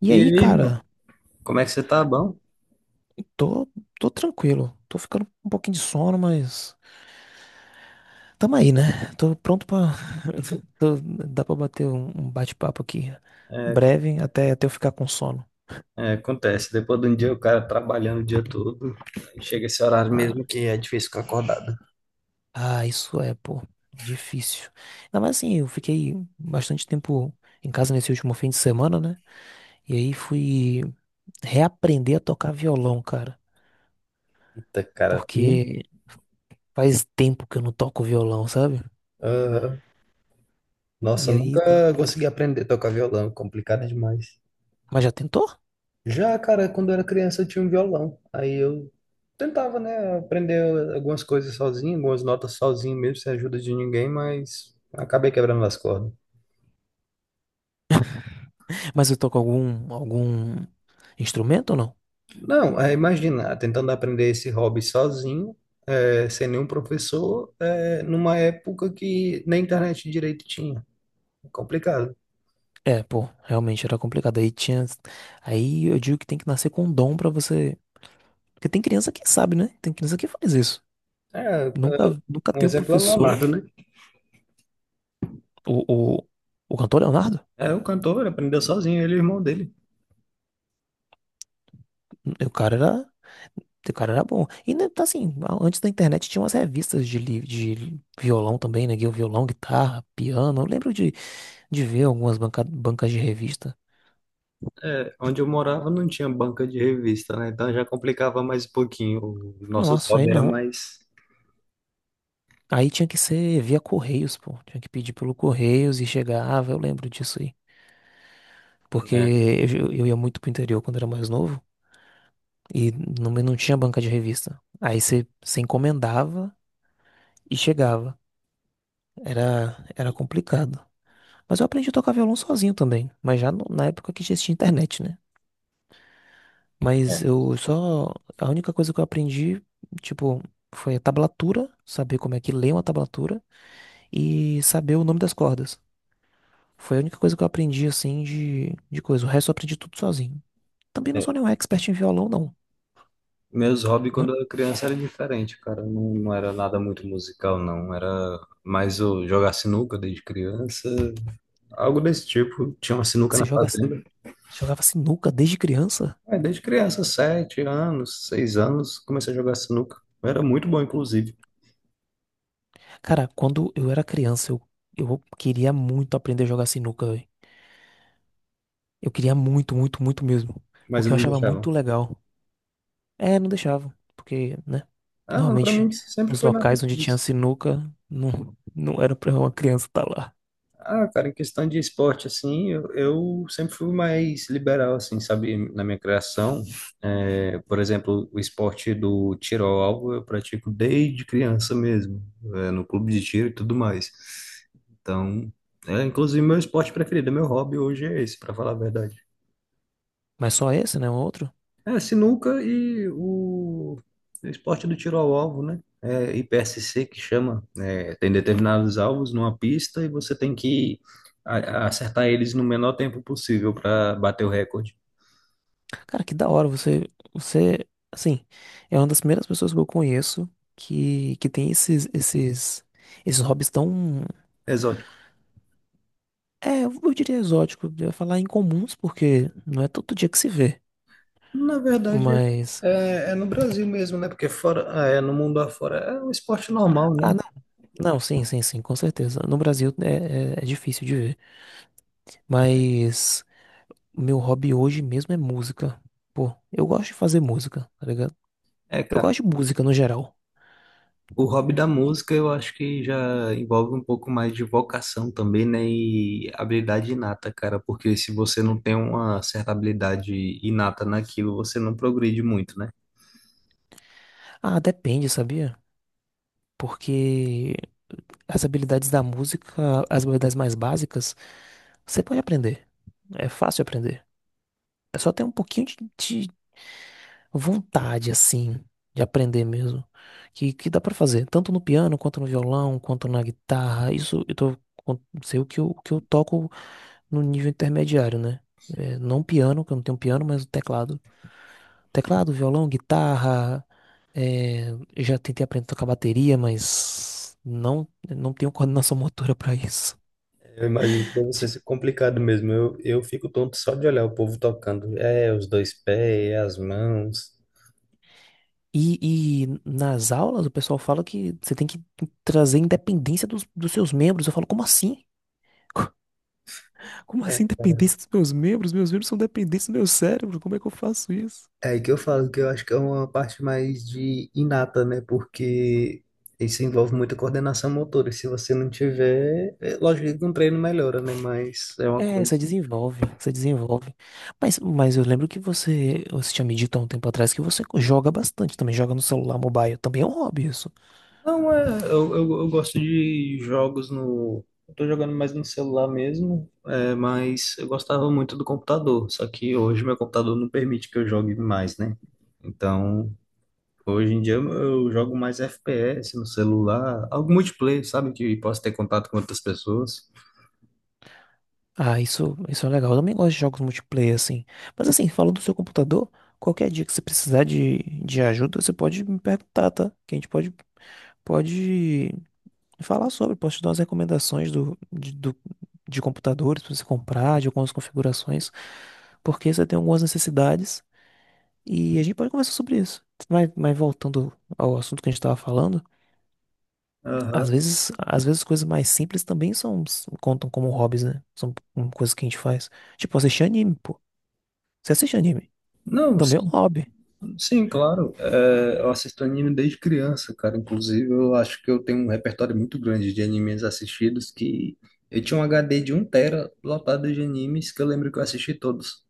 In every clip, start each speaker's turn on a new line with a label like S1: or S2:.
S1: E
S2: E
S1: aí,
S2: aí, irmão,
S1: cara.
S2: como é que você tá? Bom?
S1: Tô, tô tranquilo. Tô ficando com um pouquinho de sono, mas tamo aí, né? Tô pronto pra. Dá pra bater um bate-papo aqui breve até eu ficar com sono.
S2: É, acontece, depois de um dia o cara trabalhando o dia todo, aí chega esse horário mesmo
S1: Ah,
S2: que é difícil ficar acordado.
S1: isso é, pô, difícil. Ainda mais assim, eu fiquei bastante tempo em casa nesse último fim de semana, né? E aí fui reaprender a tocar violão, cara.
S2: Eita, cara. Hum?
S1: Porque faz tempo que eu não toco violão, sabe?
S2: Ah, nossa,
S1: E
S2: eu
S1: aí,
S2: nunca
S1: tá-
S2: consegui aprender a tocar violão, complicado demais.
S1: mas já tentou?
S2: Já, cara, quando eu era criança eu tinha um violão, aí eu tentava, né, aprender algumas coisas sozinho, algumas notas sozinho mesmo, sem ajuda de ninguém, mas acabei quebrando as cordas.
S1: Mas eu toco algum instrumento ou não?
S2: Não, é, imagina, tentando aprender esse hobby sozinho, é, sem nenhum professor, é, numa época que nem internet direito tinha. É complicado.
S1: É, pô, realmente era complicado. Aí tinha. Aí eu digo que tem que nascer com um dom pra você. Porque tem criança que sabe, né? Tem criança que faz isso.
S2: É,
S1: Nunca
S2: um
S1: teve
S2: exemplo é o
S1: professor.
S2: Leonardo, né?
S1: O, o, o cantor Leonardo?
S2: É, o cantor ele aprendeu sozinho, ele e o irmão dele.
S1: O cara era. O cara era bom. E né, tá assim, antes da internet tinha umas revistas de violão também, né? Violão, guitarra, piano. Eu lembro de ver algumas bancas de revista.
S2: É, onde eu morava não tinha banca de revista, né? Então já complicava mais um pouquinho. Os nossos
S1: Nossa, aí
S2: hobbies eram
S1: não.
S2: mais,
S1: Aí tinha que ser via Correios, pô. Tinha que pedir pelo Correios e chegava, eu lembro disso aí. Porque
S2: né?
S1: eu ia muito pro interior quando era mais novo e não tinha banca de revista. Aí você encomendava e chegava. Era complicado. Mas eu aprendi a tocar violão sozinho também. Mas já na época que já existia internet, né? Mas eu só. A única coisa que eu aprendi, tipo, foi a tablatura, saber como é que lê uma tablatura e saber o nome das cordas. Foi a única coisa que eu aprendi, assim, de coisa. O resto eu aprendi tudo sozinho. Também não sou nenhum expert em violão, não.
S2: Meus hobbies
S1: Né?
S2: quando eu era criança era diferente, cara. Não, não era nada muito musical, não. Era mais o jogar sinuca desde criança, algo desse tipo. Tinha uma sinuca
S1: Que Você
S2: na
S1: joga,
S2: fazenda.
S1: jogava sinuca desde criança?
S2: Aí, desde criança, 7 anos, 6 anos, comecei a jogar sinuca. Eu era muito bom, inclusive,
S1: Cara, quando eu era criança, eu queria muito aprender a jogar sinuca, velho. Eu queria muito, muito, muito mesmo.
S2: mas
S1: Porque
S2: não
S1: eu
S2: me
S1: achava muito
S2: deixavam.
S1: legal. É, não deixava. Porque, né?
S2: Ah, não, pra
S1: Normalmente,
S2: mim sempre
S1: os
S2: foi natural.
S1: locais onde tinha
S2: Isso.
S1: sinuca, não era pra uma criança estar lá.
S2: Ah, cara, em questão de esporte, assim, eu sempre fui mais liberal, assim, sabe, na minha criação. É, por exemplo, o esporte do tiro ao alvo eu pratico desde criança mesmo, é, no clube de tiro e tudo mais. Então, é, inclusive, meu esporte preferido, meu hobby hoje é esse, pra falar a verdade.
S1: Mas só esse, né? O outro?
S2: É, sinuca e o esporte do tiro ao alvo, né? É IPSC que chama. É, tem determinados alvos numa pista e você tem que acertar eles no menor tempo possível para bater o recorde.
S1: Cara, que da hora você, assim, é uma das primeiras pessoas que eu conheço que tem esses hobbies tão,
S2: Exótico.
S1: é, eu diria exótico, eu ia falar incomuns, porque não é todo dia que se vê,
S2: Na verdade,
S1: mas,
S2: é, é no Brasil mesmo, né? Porque fora, é, no mundo afora é um esporte normal,
S1: ah,
S2: né?
S1: não, sim, com certeza, no Brasil é difícil de ver, mas o meu hobby hoje mesmo é música, pô, eu gosto de fazer música, tá ligado?
S2: É,
S1: Eu
S2: cara.
S1: gosto de música no geral.
S2: O hobby da
S1: E-
S2: música eu acho que já envolve um pouco mais de vocação também, né? E habilidade inata, cara, porque se você não tem uma certa habilidade inata naquilo, você não progride muito, né?
S1: ah, depende, sabia? Porque as habilidades da música, as habilidades mais básicas, você pode aprender. É fácil aprender. É só ter um pouquinho de vontade, assim, de aprender mesmo. Que dá pra fazer, tanto no piano, quanto no violão, quanto na guitarra. Isso eu tô, sei o que o que eu toco no nível intermediário, né? É, não piano, que eu não tenho piano, mas o teclado. Teclado, violão, guitarra. É, eu já tentei aprender a tocar bateria, mas não tenho coordenação motora pra isso.
S2: Eu imagino que deve ser complicado mesmo. Eu fico tonto só de olhar o povo tocando. É, os dois pés, é as mãos.
S1: E nas aulas o pessoal fala que você tem que trazer independência dos seus membros. Eu falo, como assim? Co- Como assim independência dos meus membros? Meus membros são dependentes do meu cérebro. Como é que eu faço isso?
S2: É aí que eu falo que eu acho que é uma parte mais de inata, né? Porque isso envolve muita coordenação motora. Se você não tiver, é lógico que um treino melhora, né? Mas é uma
S1: É, você
S2: coisa.
S1: desenvolve, você desenvolve. Mas eu lembro que você tinha me dito há um tempo atrás que você joga bastante, também joga no celular mobile. Também é um hobby isso.
S2: Não, é. Eu gosto de jogos no. Eu tô jogando mais no celular mesmo, é, mas eu gostava muito do computador. Só que hoje meu computador não permite que eu jogue mais, né? Então, hoje em dia eu jogo mais FPS no celular, algo multiplayer, sabe? Que posso ter contato com outras pessoas.
S1: Ah, isso é legal. Eu também gosto de jogos multiplayer, assim. Mas assim, falando do seu computador, qualquer dia que você precisar de ajuda, você pode me perguntar, tá? Que a gente pode pode falar sobre, posso te dar umas recomendações de computadores para você comprar, de algumas configurações, porque você tem algumas necessidades e a gente pode conversar sobre isso. Mas voltando ao assunto que a gente estava falando,
S2: Aham.
S1: às vezes coisas mais simples também são, contam como hobbies, né? São coisas que a gente faz. Tipo, assistir anime, pô. Você assiste anime?
S2: Não,
S1: Também é um
S2: sim,
S1: hobby.
S2: sim, claro. É, eu assisto anime desde criança, cara. Inclusive, eu acho que eu tenho um repertório muito grande de animes assistidos que eu tinha um HD de um tera lotado de animes que eu lembro que eu assisti todos,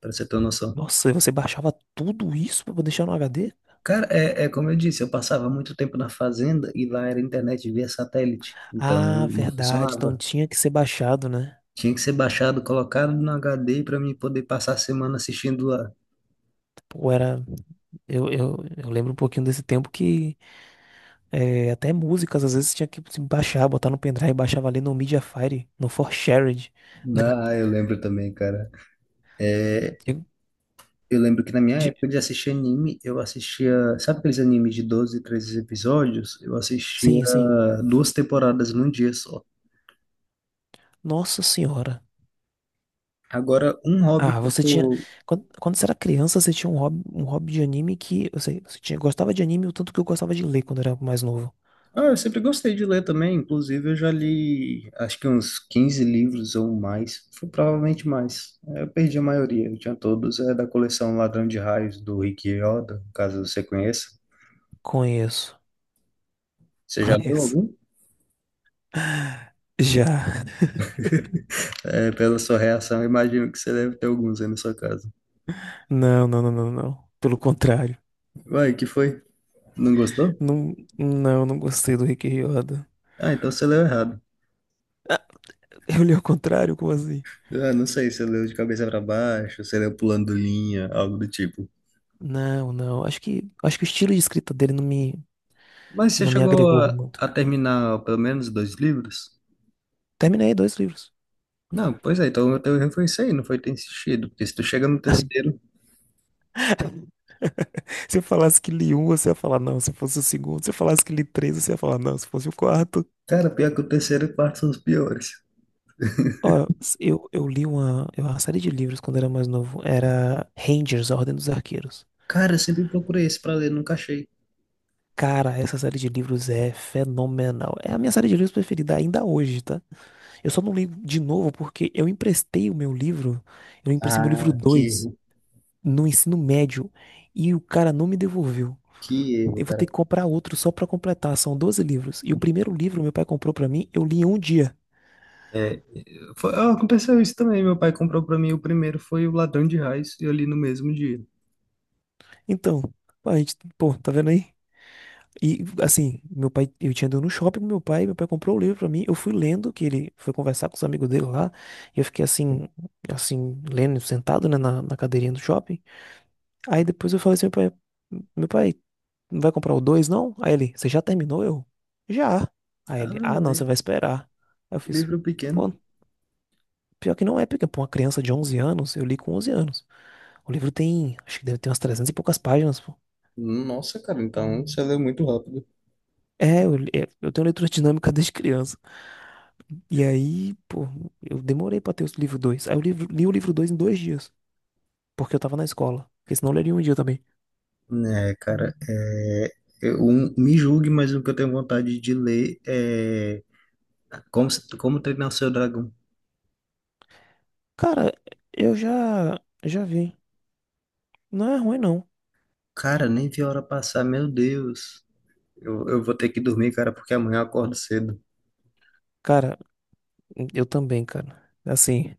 S2: pra você ter uma noção.
S1: Nossa, e você baixava tudo isso pra deixar no HD?
S2: Cara, é como eu disse, eu passava muito tempo na fazenda e lá era internet via satélite, então
S1: Ah,
S2: não
S1: verdade. Então
S2: funcionava.
S1: tinha que ser baixado, né?
S2: Tinha que ser baixado, colocado no HD para mim poder passar a semana assistindo.
S1: Pô, era. Eu lembro um pouquinho desse tempo que é, até músicas às vezes tinha que se baixar, botar no pendrive, baixava ali no Mediafire, no ForShared.
S2: Ah, eu lembro também, cara.
S1: De-
S2: Eu lembro que na minha
S1: de-
S2: época de assistir anime, eu assistia. Sabe aqueles animes de 12 13 episódios? Eu assistia
S1: Sim, sim.
S2: duas temporadas num dia só.
S1: Nossa senhora.
S2: Agora, um hobby
S1: Ah,
S2: que eu
S1: você tinha.
S2: tô.
S1: Quando você era criança, você tinha um hobby de anime que. Eu sei, você tinha, gostava de anime o tanto que eu gostava de ler quando era mais novo.
S2: Ah, eu sempre gostei de ler também. Inclusive, eu já li acho que uns 15 livros ou mais. Foi provavelmente mais. Eu perdi a maioria, eu tinha todos. É da coleção Ladrão de Raios, do Rick Riordan, caso você conheça.
S1: Conheço.
S2: Você já leu
S1: Conheço.
S2: algum?
S1: Já.
S2: É, pela sua reação, eu imagino que você deve ter alguns aí na sua casa.
S1: Não. Pelo contrário.
S2: Uai, que foi? Não gostou?
S1: Não gostei do Rick Riordan.
S2: Ah, então você leu errado.
S1: Ah, eu li ao contrário? Como assim?
S2: Ah, não sei, você leu de cabeça pra baixo, você leu pulando linha, algo do tipo.
S1: Não, não. Acho que o estilo de escrita dele não me,
S2: Mas você
S1: não me
S2: chegou
S1: agregou
S2: a,
S1: muito.
S2: a terminar pelo menos dois livros?
S1: Terminei dois livros.
S2: Não, pois é, então o teu erro foi isso aí, não foi ter insistido. Porque se tu chega no terceiro,
S1: Se eu falasse que li um, você ia falar não. Se fosse o segundo, se eu falasse que li três, você ia falar não. Se fosse o quarto.
S2: cara, pior que o terceiro e o quarto são os piores.
S1: Ó, eu li uma, eu- uma série de livros quando era mais novo. Era Rangers, A Ordem dos Arqueiros.
S2: Cara, eu sempre procurei esse pra ler, nunca achei.
S1: Cara, essa série de livros é fenomenal. É a minha série de livros preferida ainda hoje, tá? Eu só não li de novo porque eu emprestei o meu livro. Eu emprestei meu livro
S2: Ah,
S1: dois no ensino médio e o cara não me devolveu.
S2: que erro,
S1: Eu vou ter
S2: cara.
S1: que comprar outro só pra completar. São 12 livros. E o primeiro livro meu pai comprou pra mim, eu li em um dia.
S2: É, foi, ah, aconteceu isso também. Meu pai comprou pra mim o primeiro, foi o Ladrão de Raios, e eu li no mesmo dia.
S1: Então, a gente, pô, tá vendo aí? E assim, meu pai, eu tinha ido no shopping com meu pai comprou o livro pra mim, eu fui lendo, que ele foi conversar com os amigos dele lá, e eu fiquei assim, assim, lendo, sentado, né, na cadeirinha do shopping. Aí depois eu falei assim, meu pai, não vai comprar o 2 não? Aí ele, você já terminou? Eu, já. Aí
S2: Ah,
S1: ele, ah, não,
S2: Maria.
S1: você vai esperar. Aí eu
S2: Que
S1: fiz,
S2: livro pequeno.
S1: pô, pior que não é, porque pra uma criança de 11 anos, eu li com 11 anos. O livro tem, acho que deve ter umas 300 e poucas páginas, pô.
S2: Nossa, cara, então você leu muito rápido.
S1: É, é, eu tenho leitura dinâmica desde criança. E aí, pô, eu demorei pra ter o livro dois. Aí eu li o livro 2 em dois dias, porque eu tava na escola. Porque senão eu leria um dia também.
S2: É, cara, é, eu, me julgue, mas o que eu tenho vontade de ler é Como, Como Treinar o Seu Dragão.
S1: Cara, eu já vi. Não é ruim, não.
S2: Cara, nem vi a hora passar, meu Deus. Eu vou ter que dormir, cara, porque amanhã eu acordo cedo.
S1: Cara, eu também, cara. Assim.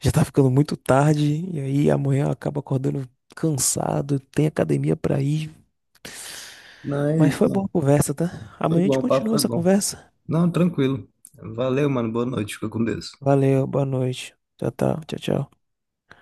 S1: Já tá ficando muito tarde e aí amanhã acaba acordando cansado, tem academia pra ir.
S2: Não, é
S1: Mas
S2: isso,
S1: foi boa a
S2: mano.
S1: conversa, tá?
S2: Foi
S1: Amanhã a
S2: bom,
S1: gente
S2: o papo
S1: continua
S2: foi
S1: essa
S2: bom.
S1: conversa.
S2: Não, tranquilo. Valeu, mano. Boa noite. Fica com Deus.
S1: Valeu, boa noite. Tchau, tchau, tchau, tchau.